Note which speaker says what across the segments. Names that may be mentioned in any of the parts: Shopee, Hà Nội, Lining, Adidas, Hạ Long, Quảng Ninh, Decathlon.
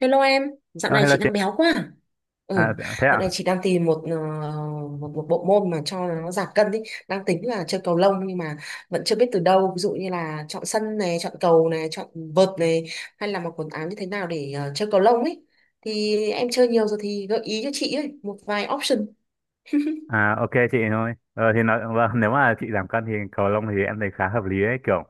Speaker 1: Hello em, dạo
Speaker 2: Ờ,
Speaker 1: này
Speaker 2: hello
Speaker 1: chị
Speaker 2: chị.
Speaker 1: đang béo quá, à? Ừ,
Speaker 2: À, dạ, thế ạ?
Speaker 1: dạo này chị đang tìm một, ờ, một một bộ môn mà cho nó giảm cân đi. Đang tính là chơi cầu lông nhưng mà vẫn chưa biết từ đâu. Ví dụ như là chọn sân này, chọn cầu này, chọn vợt này, hay là mặc quần áo như thế nào để chơi cầu lông ấy. Thì em chơi nhiều rồi thì gợi ý cho chị ấy một vài option.
Speaker 2: À, ok chị thôi. Vâng, nếu mà chị giảm cân thì cầu lông thì em thấy khá hợp lý ấy. Kiểu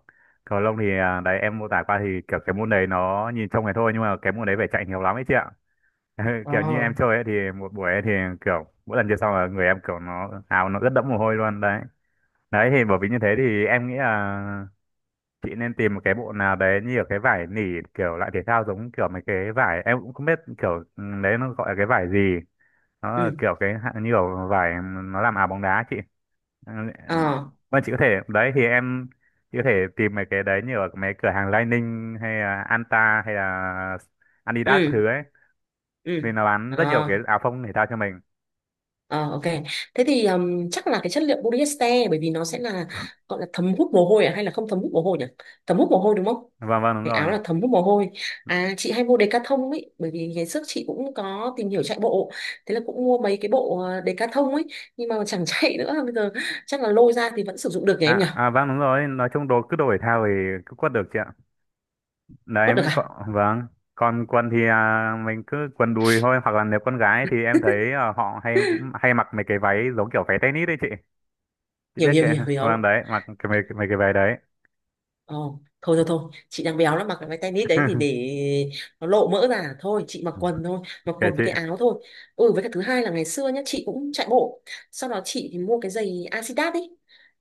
Speaker 2: cầu lông thì đấy em mô tả qua thì kiểu cái môn đấy nó nhìn trông này thôi nhưng mà cái môn đấy phải chạy nhiều lắm ấy chị ạ. Kiểu như
Speaker 1: Ờ.
Speaker 2: em chơi ấy thì một buổi ấy thì kiểu mỗi lần chơi xong là người em kiểu nó áo nó rất đẫm mồ hôi luôn đấy. Đấy thì bởi vì như thế thì em nghĩ là chị nên tìm một cái bộ nào đấy như ở cái vải nỉ kiểu loại thể thao giống kiểu mấy cái vải em cũng không biết kiểu đấy nó gọi là cái vải gì, nó là
Speaker 1: Ừ.
Speaker 2: kiểu như kiểu vải nó làm áo bóng đá chị. Ừ,
Speaker 1: Ờ.
Speaker 2: vâng, chị có thể đấy thì em chị có thể tìm mấy cái đấy như ở mấy cửa hàng Lining hay là Anta hay là Adidas các
Speaker 1: Ừ.
Speaker 2: thứ ấy
Speaker 1: Ừ.
Speaker 2: vì nó bán rất nhiều cái
Speaker 1: Ờ.
Speaker 2: áo phông thể thao cho mình.
Speaker 1: Ờ, ok. Thế thì chắc là cái chất liệu polyester bởi vì nó sẽ là gọi là thấm hút mồ hôi, à hay là không thấm hút mồ hôi nhỉ? Thấm hút mồ hôi đúng không?
Speaker 2: Vâng vâng đúng
Speaker 1: Cái áo
Speaker 2: rồi.
Speaker 1: là thấm hút mồ hôi. À chị hay mua Decathlon ấy bởi vì ngày trước chị cũng có tìm hiểu chạy bộ. Thế là cũng mua mấy cái bộ Decathlon ấy nhưng mà chẳng chạy nữa, bây giờ chắc là lôi ra thì vẫn sử dụng được nhỉ em nhỉ?
Speaker 2: Vâng đúng rồi, nói chung đồ cứ đồ thể thao thì cứ quất được chị ạ. Đấy
Speaker 1: Vẫn được
Speaker 2: mới có,
Speaker 1: à?
Speaker 2: vâng. Còn quần thì mình cứ quần đùi thôi, hoặc là nếu con gái thì em thấy họ hay hay mặc mấy cái váy giống kiểu váy tennis đấy chị
Speaker 1: Hiểu
Speaker 2: biết
Speaker 1: hiểu
Speaker 2: cái,
Speaker 1: hiểu
Speaker 2: vâng,
Speaker 1: hiểu.
Speaker 2: đấy mặc cái mấy cái váy đấy.
Speaker 1: Ồ, thôi thôi thôi, chị đang béo lắm mặc cái váy tennis đấy thì để nó lộ mỡ ra à? Thôi, chị mặc quần thôi, mặc
Speaker 2: Kể
Speaker 1: quần
Speaker 2: chị,
Speaker 1: với cái áo thôi. Ừ, với cả thứ hai là ngày xưa nhá, chị cũng chạy bộ. Sau đó chị thì mua cái giày Adidas ấy,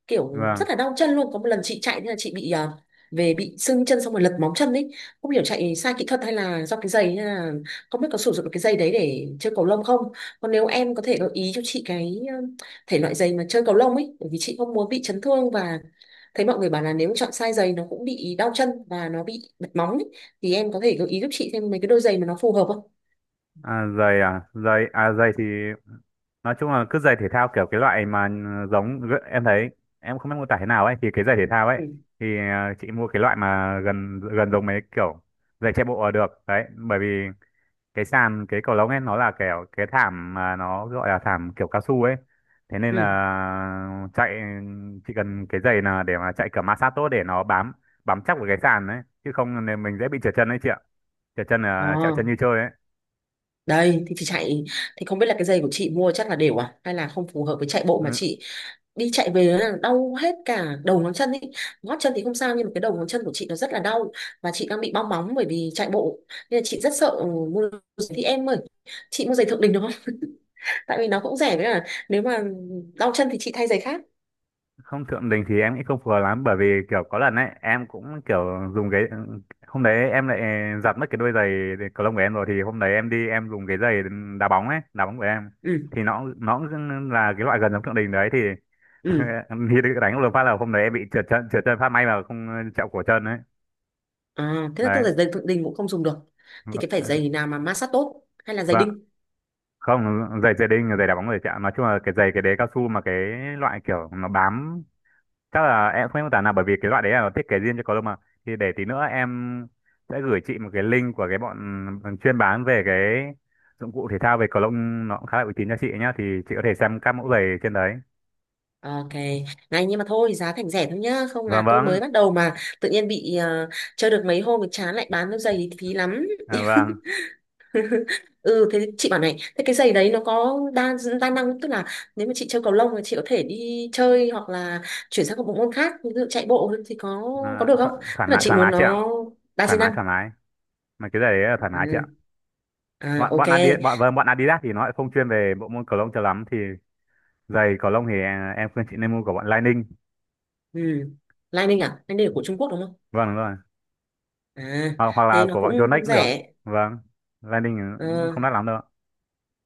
Speaker 1: kiểu
Speaker 2: vâng.
Speaker 1: rất là đau chân luôn. Có một lần chị chạy thế là chị bị về bị sưng chân xong rồi lật móng chân ấy, không hiểu chạy sai kỹ thuật hay là do cái giày hay là không biết có sử dụng được cái giày đấy để chơi cầu lông không. Còn nếu em có thể gợi ý cho chị cái thể loại giày mà chơi cầu lông ấy, bởi vì chị không muốn bị chấn thương và thấy mọi người bảo là nếu chọn sai giày nó cũng bị đau chân và nó bị bật móng ấy. Thì em có thể gợi ý giúp chị thêm mấy cái đôi giày mà nó phù hợp không?
Speaker 2: À, giày thì nói chung là cứ giày thể thao kiểu cái loại mà giống em thấy em không biết mô tả thế nào ấy thì cái giày thể thao ấy
Speaker 1: Ừ.
Speaker 2: thì chị mua cái loại mà gần gần giống mấy kiểu giày chạy bộ là được đấy, bởi vì cái sàn cái cầu lông ấy nó là kiểu cái thảm mà nó gọi là thảm kiểu cao su ấy, thế nên
Speaker 1: Ừ.
Speaker 2: là chạy chỉ cần cái giày là để mà chạy kiểu ma sát tốt để nó bám bám chắc vào cái sàn ấy, chứ không là mình dễ bị trượt chân đấy chị ạ, trượt chân là trẹo
Speaker 1: À,
Speaker 2: chân như chơi ấy.
Speaker 1: đây thì chị chạy thì không biết là cái giày của chị mua chắc là đều à hay là không phù hợp với chạy bộ mà
Speaker 2: Ừ,
Speaker 1: chị đi chạy về là đau hết cả đầu ngón chân ý. Gót chân thì không sao nhưng mà cái đầu ngón chân của chị nó rất là đau và chị đang bị bong móng bởi vì chạy bộ, nên là chị rất sợ mua giày. Thì em ơi, chị mua giày thượng đình được không tại vì nó cũng rẻ, với là nếu mà đau chân thì chị thay giày khác.
Speaker 2: không, thượng đình thì em nghĩ không phù hợp lắm bởi vì kiểu có lần ấy em cũng kiểu dùng cái hôm đấy em lại giặt mất cái đôi giày cầu lông của em rồi, thì hôm đấy em đi em dùng cái giày đá bóng ấy, đá bóng của em
Speaker 1: Ừ.
Speaker 2: thì nó cũng là cái loại gần giống thượng đình đấy thì.
Speaker 1: Ừ.
Speaker 2: Thì đánh một phát là hôm đấy em bị trượt chân, trượt chân phát may mà không chạm cổ chân ấy.
Speaker 1: À, thế là tức
Speaker 2: Đấy,
Speaker 1: là giày thượng đình cũng không dùng được, thì cái phải giày nào mà ma sát tốt hay là giày
Speaker 2: vâng,
Speaker 1: đinh?
Speaker 2: không, giày giày đinh giày đá bóng giày chạm nói chung là cái giày cái đế cao su mà cái loại kiểu nó bám chắc là em không biết mô tả nào bởi vì cái loại đấy là nó thiết kế riêng cho cầu lông mà, thì để tí nữa em sẽ gửi chị một cái link của cái bọn chuyên bán về cái dụng cụ thể thao về cầu lông, nó cũng khá là uy tín cho chị nhá thì chị có thể xem các mẫu giày trên đấy.
Speaker 1: Ok, này nhưng mà thôi giá thành rẻ thôi nhá, không
Speaker 2: Vâng
Speaker 1: là tôi
Speaker 2: vâng.
Speaker 1: mới bắt đầu mà tự nhiên bị chơi được mấy hôm thì chán lại bán đôi giày thì phí lắm.
Speaker 2: Vâng.
Speaker 1: Ừ thế chị bảo này, thế cái giày đấy nó có đa đa năng, tức là nếu mà chị chơi cầu lông thì chị có thể đi chơi hoặc là chuyển sang một bộ môn khác ví dụ chạy bộ thì có được không?
Speaker 2: Thoải
Speaker 1: Tức là
Speaker 2: mái,
Speaker 1: chị
Speaker 2: thoải mái
Speaker 1: muốn
Speaker 2: chị ạ.
Speaker 1: nó đa
Speaker 2: Thoải
Speaker 1: di
Speaker 2: mái,
Speaker 1: năng.
Speaker 2: thoải mái mà cái giày đấy là thoải
Speaker 1: Ừ.
Speaker 2: mái chị ạ.
Speaker 1: À
Speaker 2: Bọn bọn
Speaker 1: ok.
Speaker 2: Adidas bọn, vâng, bọn Adidas thì nó lại không chuyên về bộ môn cầu lông cho lắm thì giày cầu lông thì em khuyên chị nên mua của bọn Lining.
Speaker 1: Ừ. Lining à? Lining là của Trung Quốc đúng không?
Speaker 2: Vâng đúng rồi.
Speaker 1: À
Speaker 2: Hoặc là
Speaker 1: thế nó
Speaker 2: của bọn
Speaker 1: cũng
Speaker 2: Yonex
Speaker 1: cũng
Speaker 2: cũng được.
Speaker 1: rẻ.
Speaker 2: Vâng, Lining cũng
Speaker 1: Ờ.
Speaker 2: không đắt lắm đâu.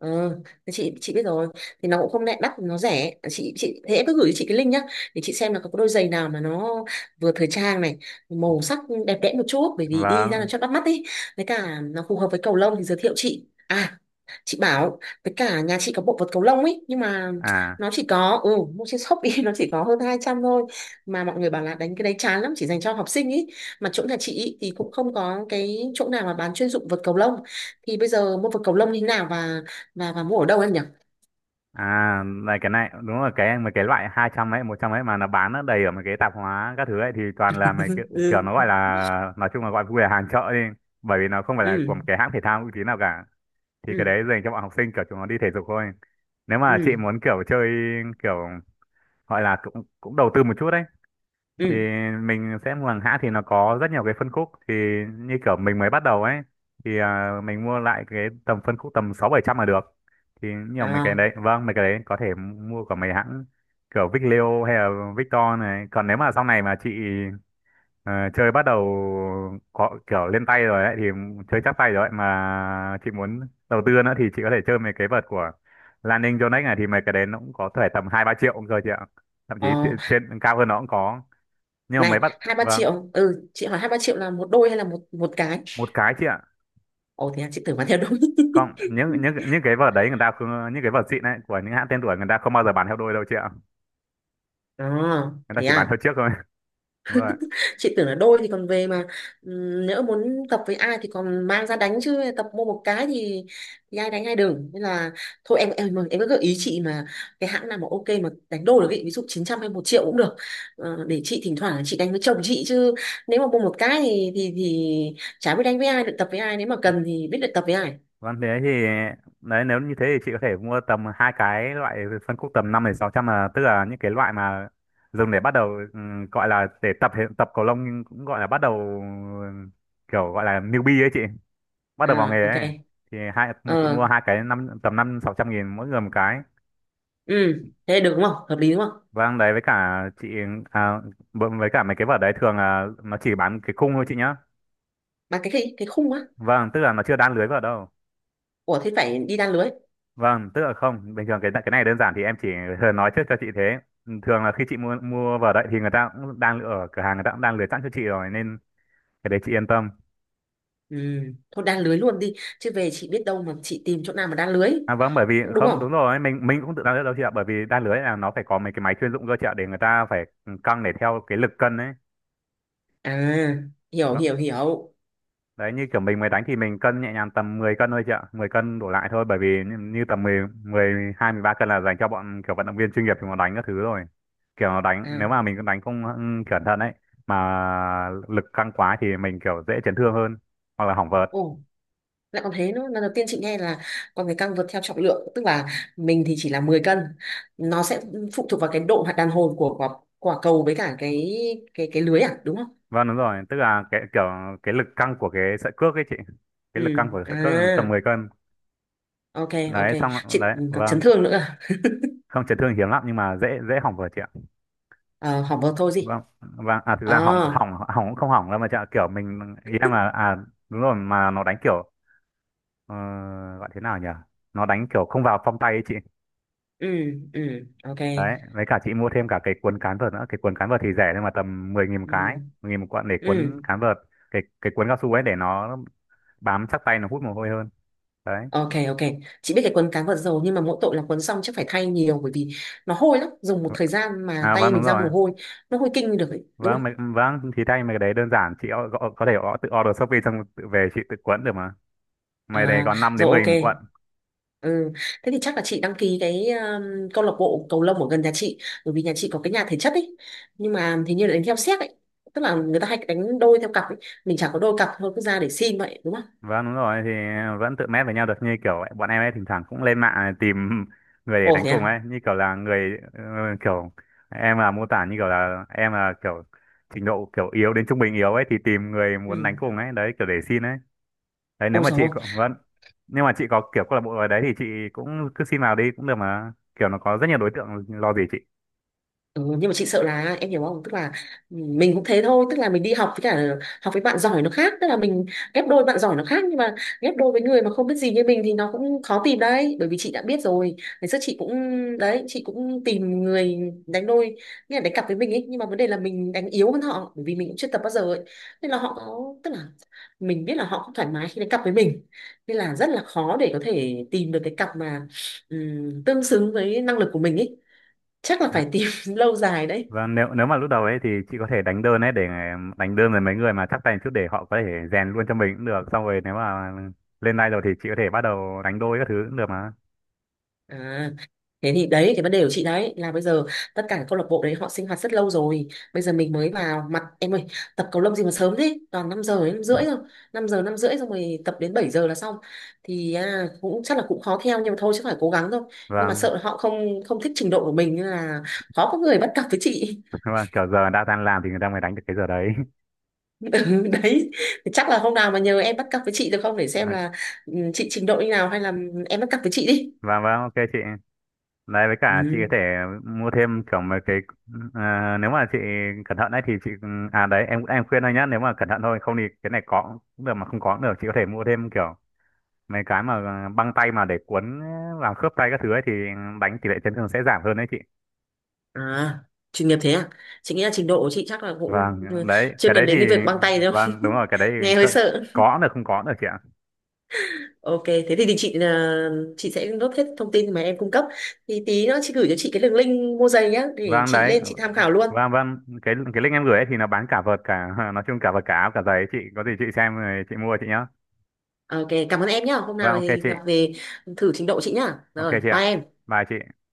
Speaker 1: Ờ, thì chị biết rồi, thì nó cũng không đắt, đắt nó rẻ Chị thế cứ gửi cho chị cái link nhá, để chị xem là có đôi giày nào mà nó vừa thời trang này, màu sắc đẹp đẽ một chút bởi vì đi ra là
Speaker 2: Vâng,
Speaker 1: cho bắt mắt ý, với cả nó phù hợp với cầu lông thì giới thiệu chị. À chị bảo với cả nhà chị có bộ vật cầu lông ấy nhưng mà
Speaker 2: à
Speaker 1: nó chỉ có mua trên Shopee, nó chỉ có hơn 200 thôi, mà mọi người bảo là đánh cái đấy chán lắm, chỉ dành cho học sinh ý. Mà chỗ nhà chị ý thì cũng không có cái chỗ nào mà bán chuyên dụng vật cầu lông, thì bây giờ mua vật cầu lông như thế nào và và mua ở đâu em nhỉ?
Speaker 2: này, cái này đúng là mấy cái loại 200 ấy, 100 ấy mà nó bán nó đầy ở mấy cái tạp hóa các thứ ấy thì toàn là mấy kiểu, kiểu nó gọi
Speaker 1: Ừ.
Speaker 2: là, nói chung là gọi vui là hàng chợ đi, bởi vì nó không phải là
Speaker 1: Ừ.
Speaker 2: của một cái hãng thể thao uy tín nào cả thì cái
Speaker 1: Ừ.
Speaker 2: đấy dành cho bọn học sinh kiểu chúng nó đi thể dục thôi. Nếu mà chị
Speaker 1: Ừ.
Speaker 2: muốn kiểu chơi kiểu gọi là cũng cũng đầu tư một chút đấy thì
Speaker 1: Ừ.
Speaker 2: mình sẽ mua hàng hãng thì nó có rất nhiều cái phân khúc thì như kiểu mình mới bắt đầu ấy thì mình mua lại cái tầm phân khúc tầm sáu bảy trăm là được, thì nhiều mấy cái
Speaker 1: À.
Speaker 2: đấy, vâng, mấy cái đấy có thể mua của mấy hãng kiểu Vicleo hay là Victor này, còn nếu mà sau này mà chị ờ, chơi bắt đầu có kiểu lên tay rồi ấy thì chơi chắc tay rồi ấy mà chị muốn đầu tư nữa thì chị có thể chơi mấy cái vợt của Lan Ninh Yonex này thì mấy cái đấy nó cũng có thể tầm hai ba triệu cũng rồi chị ạ, thậm chí
Speaker 1: Ờ.
Speaker 2: trên cao hơn nó cũng có nhưng mà
Speaker 1: Này,
Speaker 2: mấy bạn.
Speaker 1: hai ba
Speaker 2: Vâng,
Speaker 1: triệu? Ừ chị hỏi hai ba triệu là một đôi hay là một một cái?
Speaker 2: một cái chị ạ.
Speaker 1: Ồ thế à, chị tưởng bán theo đôi.
Speaker 2: Không, những những những cái vở đấy người ta không, những cái vở xịn đấy của những hãng tên tuổi người ta không bao giờ bán theo đôi đâu chị ạ,
Speaker 1: À
Speaker 2: người ta
Speaker 1: thế
Speaker 2: chỉ bán theo
Speaker 1: à,
Speaker 2: chiếc thôi. Đúng rồi.
Speaker 1: chị tưởng là đôi thì còn về mà nhỡ muốn tập với ai thì còn mang ra đánh, chứ tập mua một cái thì ai đánh ai, đừng. Nên là thôi em cứ gợi ý chị mà cái hãng nào mà ok mà đánh đôi được ý, ví dụ 900 hay 1 triệu cũng được. Ờ, để chị thỉnh thoảng chị đánh với chồng chị chứ, nếu mà mua một cái thì thì chả biết đánh với ai được, tập với ai, nếu mà cần thì biết được tập với ai.
Speaker 2: Vâng thế thì đấy, nếu như thế thì chị có thể mua tầm hai cái loại phân khúc tầm năm đến sáu trăm là, tức là những cái loại mà dùng để bắt đầu, gọi là để tập tập cầu lông nhưng cũng gọi là bắt đầu, kiểu gọi là newbie ấy chị, bắt đầu vào
Speaker 1: À
Speaker 2: nghề ấy.
Speaker 1: ok.
Speaker 2: Thì hai, chị mua
Speaker 1: Ờ.
Speaker 2: hai cái năm tầm năm sáu trăm nghìn mỗi người một cái.
Speaker 1: Ừ thế được đúng không, hợp lý đúng không?
Speaker 2: Vâng đấy, với cả chị à, với cả mấy cái vở đấy thường là nó chỉ bán cái khung thôi chị nhá.
Speaker 1: Mà cái cái khung á?
Speaker 2: Vâng, tức là nó chưa đan lưới vào đâu.
Speaker 1: Ủa thế phải đi đan lưới?
Speaker 2: Vâng, tức là không, bình thường cái này đơn giản thì em chỉ thường nói trước cho chị thế. Thường là khi chị mua mua vở đấy thì người ta cũng đan lưới ở cửa hàng, người ta cũng đan lưới sẵn cho chị rồi nên cái đấy chị yên tâm.
Speaker 1: Ừ, thôi đan lưới luôn đi, chứ về chị biết đâu mà chị tìm chỗ nào mà đan lưới.
Speaker 2: À vâng, bởi vì
Speaker 1: Cũng đúng
Speaker 2: không, đúng
Speaker 1: không?
Speaker 2: rồi, mình cũng tự đan lưới đâu chị ạ, bởi vì đan lưới là nó phải có mấy cái máy chuyên dụng cơ chị ạ để người ta phải căng để theo cái lực cân ấy.
Speaker 1: À, hiểu
Speaker 2: Vâng.
Speaker 1: hiểu hiểu.
Speaker 2: Đấy như kiểu mình mới đánh thì mình cân nhẹ nhàng tầm 10 cân thôi chị ạ, 10 cân đổ lại thôi bởi vì như, như tầm 10, 12, 13 cân là dành cho bọn kiểu vận động viên chuyên nghiệp thì nó đánh các thứ rồi. Kiểu nó đánh nếu mà
Speaker 1: À
Speaker 2: mình đánh không cẩn thận ấy mà lực căng quá thì mình kiểu dễ chấn thương hơn hoặc là hỏng vợt.
Speaker 1: ồ, lại còn thế nữa, lần đầu tiên chị nghe là con người căng vượt theo trọng lượng, tức là mình thì chỉ là 10 cân, nó sẽ phụ thuộc vào cái độ hoạt đàn hồi của quả, quả cầu với cả cái cái lưới à, đúng không?
Speaker 2: Vâng đúng rồi, tức là cái kiểu cái lực căng của cái sợi cước ấy chị. Cái
Speaker 1: Ừ.
Speaker 2: lực căng của sợi
Speaker 1: À
Speaker 2: cước là tầm 10 cân.
Speaker 1: ok. Ok
Speaker 2: Đấy xong
Speaker 1: chị,
Speaker 2: đấy,
Speaker 1: còn chấn
Speaker 2: vâng.
Speaker 1: thương nữa à?
Speaker 2: Không, chấn thương hiếm lắm nhưng mà dễ dễ hỏng vợt chị ạ.
Speaker 1: À hỏng vào thôi gì.
Speaker 2: Vâng vâng, thực
Speaker 1: À.
Speaker 2: ra hỏng hỏng hỏng cũng không hỏng đâu mà chợ kiểu mình ý em là à, đúng rồi, mà nó đánh kiểu ờ, gọi thế nào nhỉ, nó đánh kiểu không vào phong tay ấy chị.
Speaker 1: Ừ. Ừ. Ok.
Speaker 2: Đấy với cả chị mua thêm cả cái cuốn cán vợt nữa, cái cuốn cán vợt thì rẻ nhưng mà tầm 10 nghìn một
Speaker 1: Ừ.
Speaker 2: cái, 10 nghìn một cuộn để
Speaker 1: Ừ.
Speaker 2: cuốn cán vợt, cái cuốn cao su ấy để nó bám chắc tay nó hút mồ hôi hơn đấy.
Speaker 1: Ok ok. Chị biết cái quấn cá vào dầu, nhưng mà mỗi tội là quấn xong chắc phải thay nhiều, bởi vì nó hôi lắm. Dùng một thời gian mà
Speaker 2: À
Speaker 1: tay
Speaker 2: vâng, đúng
Speaker 1: mình ra
Speaker 2: rồi.
Speaker 1: mồ hôi, nó hôi kinh được ấy, đúng
Speaker 2: Vâng
Speaker 1: không?
Speaker 2: vâng thì thay mấy cái đấy đơn giản, chị có thể gõ tự order Shopee xong tự về chị tự cuốn được mà, mày đấy
Speaker 1: À,
Speaker 2: còn năm
Speaker 1: rồi
Speaker 2: đến mười
Speaker 1: ok.
Speaker 2: nghìn một cuộn.
Speaker 1: Ừ. Thế thì chắc là chị đăng ký cái câu lạc bộ cầu lông ở gần nhà chị, bởi vì nhà chị có cái nhà thể chất ấy. Nhưng mà thì như là đánh theo séc ấy, tức là người ta hay đánh đôi theo cặp ấy. Mình chả có đôi cặp, thôi cứ ra để xin vậy, đúng không?
Speaker 2: Vâng đúng rồi, thì vẫn tự mét với nhau được như kiểu bọn em ấy, thỉnh thoảng cũng lên mạng tìm người để
Speaker 1: Ồ
Speaker 2: đánh
Speaker 1: thế
Speaker 2: cùng
Speaker 1: à.
Speaker 2: ấy, như kiểu là người kiểu em là mô tả như kiểu là em là kiểu trình độ kiểu yếu đến trung bình yếu ấy thì tìm người
Speaker 1: Ừ.
Speaker 2: muốn đánh cùng ấy đấy kiểu để xin ấy. Đấy nếu
Speaker 1: Ôi
Speaker 2: mà chị
Speaker 1: rồi.
Speaker 2: có, vâng, nhưng mà chị có kiểu câu lạc bộ ở đấy thì chị cũng cứ xin vào đi cũng được mà kiểu nó có rất nhiều đối tượng lo gì chị.
Speaker 1: Ừ, nhưng mà chị sợ là, em hiểu không, tức là mình cũng thế thôi, tức là mình đi học với cả học với bạn giỏi nó khác, tức là mình ghép đôi bạn giỏi nó khác, nhưng mà ghép đôi với người mà không biết gì như mình thì nó cũng khó tìm đấy, bởi vì chị đã biết rồi, ngày xưa chị cũng, đấy chị cũng tìm người đánh đôi, nghĩa là đánh cặp với mình ấy, nhưng mà vấn đề là mình đánh yếu hơn họ bởi vì mình cũng chưa tập bao giờ ấy, nên là họ có, tức là mình biết là họ không thoải mái khi đánh cặp với mình, nên là rất là khó để có thể tìm được cái cặp mà tương xứng với năng lực của mình ấy, chắc là phải tìm lâu dài đấy.
Speaker 2: Vâng, nếu nếu mà lúc đầu ấy thì chị có thể đánh đơn ấy để đánh đơn với mấy người mà chắc tay một chút để họ có thể rèn luôn cho mình cũng được. Xong rồi nếu mà lên live rồi thì chị có thể bắt đầu đánh đôi các thứ cũng được mà.
Speaker 1: À thế thì đấy cái vấn đề của chị đấy là bây giờ tất cả các câu lạc bộ đấy họ sinh hoạt rất lâu rồi, bây giờ mình mới vào mặt. Em ơi, tập cầu lông gì mà sớm thế, toàn 5 giờ đến 5 rưỡi rồi, 5 giờ 5 rưỡi xong rồi tập đến 7 giờ là xong, thì cũng chắc là cũng khó theo nhưng mà thôi chứ phải cố gắng thôi. Nhưng mà
Speaker 2: Vâng,
Speaker 1: sợ là họ không không thích trình độ của mình nên là khó có người bắt cặp với chị.
Speaker 2: vâng, kiểu giờ đã tan làm thì người ta mới đánh được cái giờ đấy.
Speaker 1: Ừ, đấy thì chắc là hôm nào mà nhờ em bắt cặp với chị được không để xem
Speaker 2: Ờ,
Speaker 1: là chị trình độ như nào, hay là em bắt cặp với chị đi.
Speaker 2: vâng, vâng, ok chị. Đấy với cả chị
Speaker 1: Ừ.
Speaker 2: có thể mua thêm kiểu mấy cái, nếu mà chị cẩn thận ấy thì chị đấy em khuyên thôi nhá, nếu mà cẩn thận thôi không thì cái này có cũng được mà không có cũng được, chị có thể mua thêm kiểu mấy cái mà băng tay mà để cuốn làm khớp tay các thứ ấy thì đánh tỷ lệ chấn thương sẽ giảm hơn đấy chị.
Speaker 1: À, chuyên nghiệp thế à? Chị nghĩ là trình độ của chị chắc là cũng
Speaker 2: Vâng đấy
Speaker 1: chưa
Speaker 2: cái đấy
Speaker 1: cần
Speaker 2: thì
Speaker 1: đến cái việc băng tay đâu,
Speaker 2: vâng đúng rồi, cái đấy
Speaker 1: nghe hơi
Speaker 2: có,
Speaker 1: sợ.
Speaker 2: có cũng được, không có cũng được chị ạ.
Speaker 1: Ok thế thì chị là chị sẽ nốt hết thông tin mà em cung cấp, thì tí nữa chị gửi cho chị cái đường link mua giày nhá để
Speaker 2: Vâng
Speaker 1: chị
Speaker 2: đấy,
Speaker 1: lên chị tham khảo luôn.
Speaker 2: vâng vâng, cái link em gửi ấy thì nó bán cả vợt cả nói chung cả vợt cả áo cả giày ấy, chị có gì chị xem rồi chị mua chị nhá.
Speaker 1: Ok cảm ơn em nhá, hôm
Speaker 2: Vâng
Speaker 1: nào
Speaker 2: ok
Speaker 1: thì
Speaker 2: chị.
Speaker 1: gặp về thử trình độ chị nhá,
Speaker 2: Ok
Speaker 1: rồi
Speaker 2: chị
Speaker 1: bye
Speaker 2: ạ.
Speaker 1: em.
Speaker 2: Bye chị.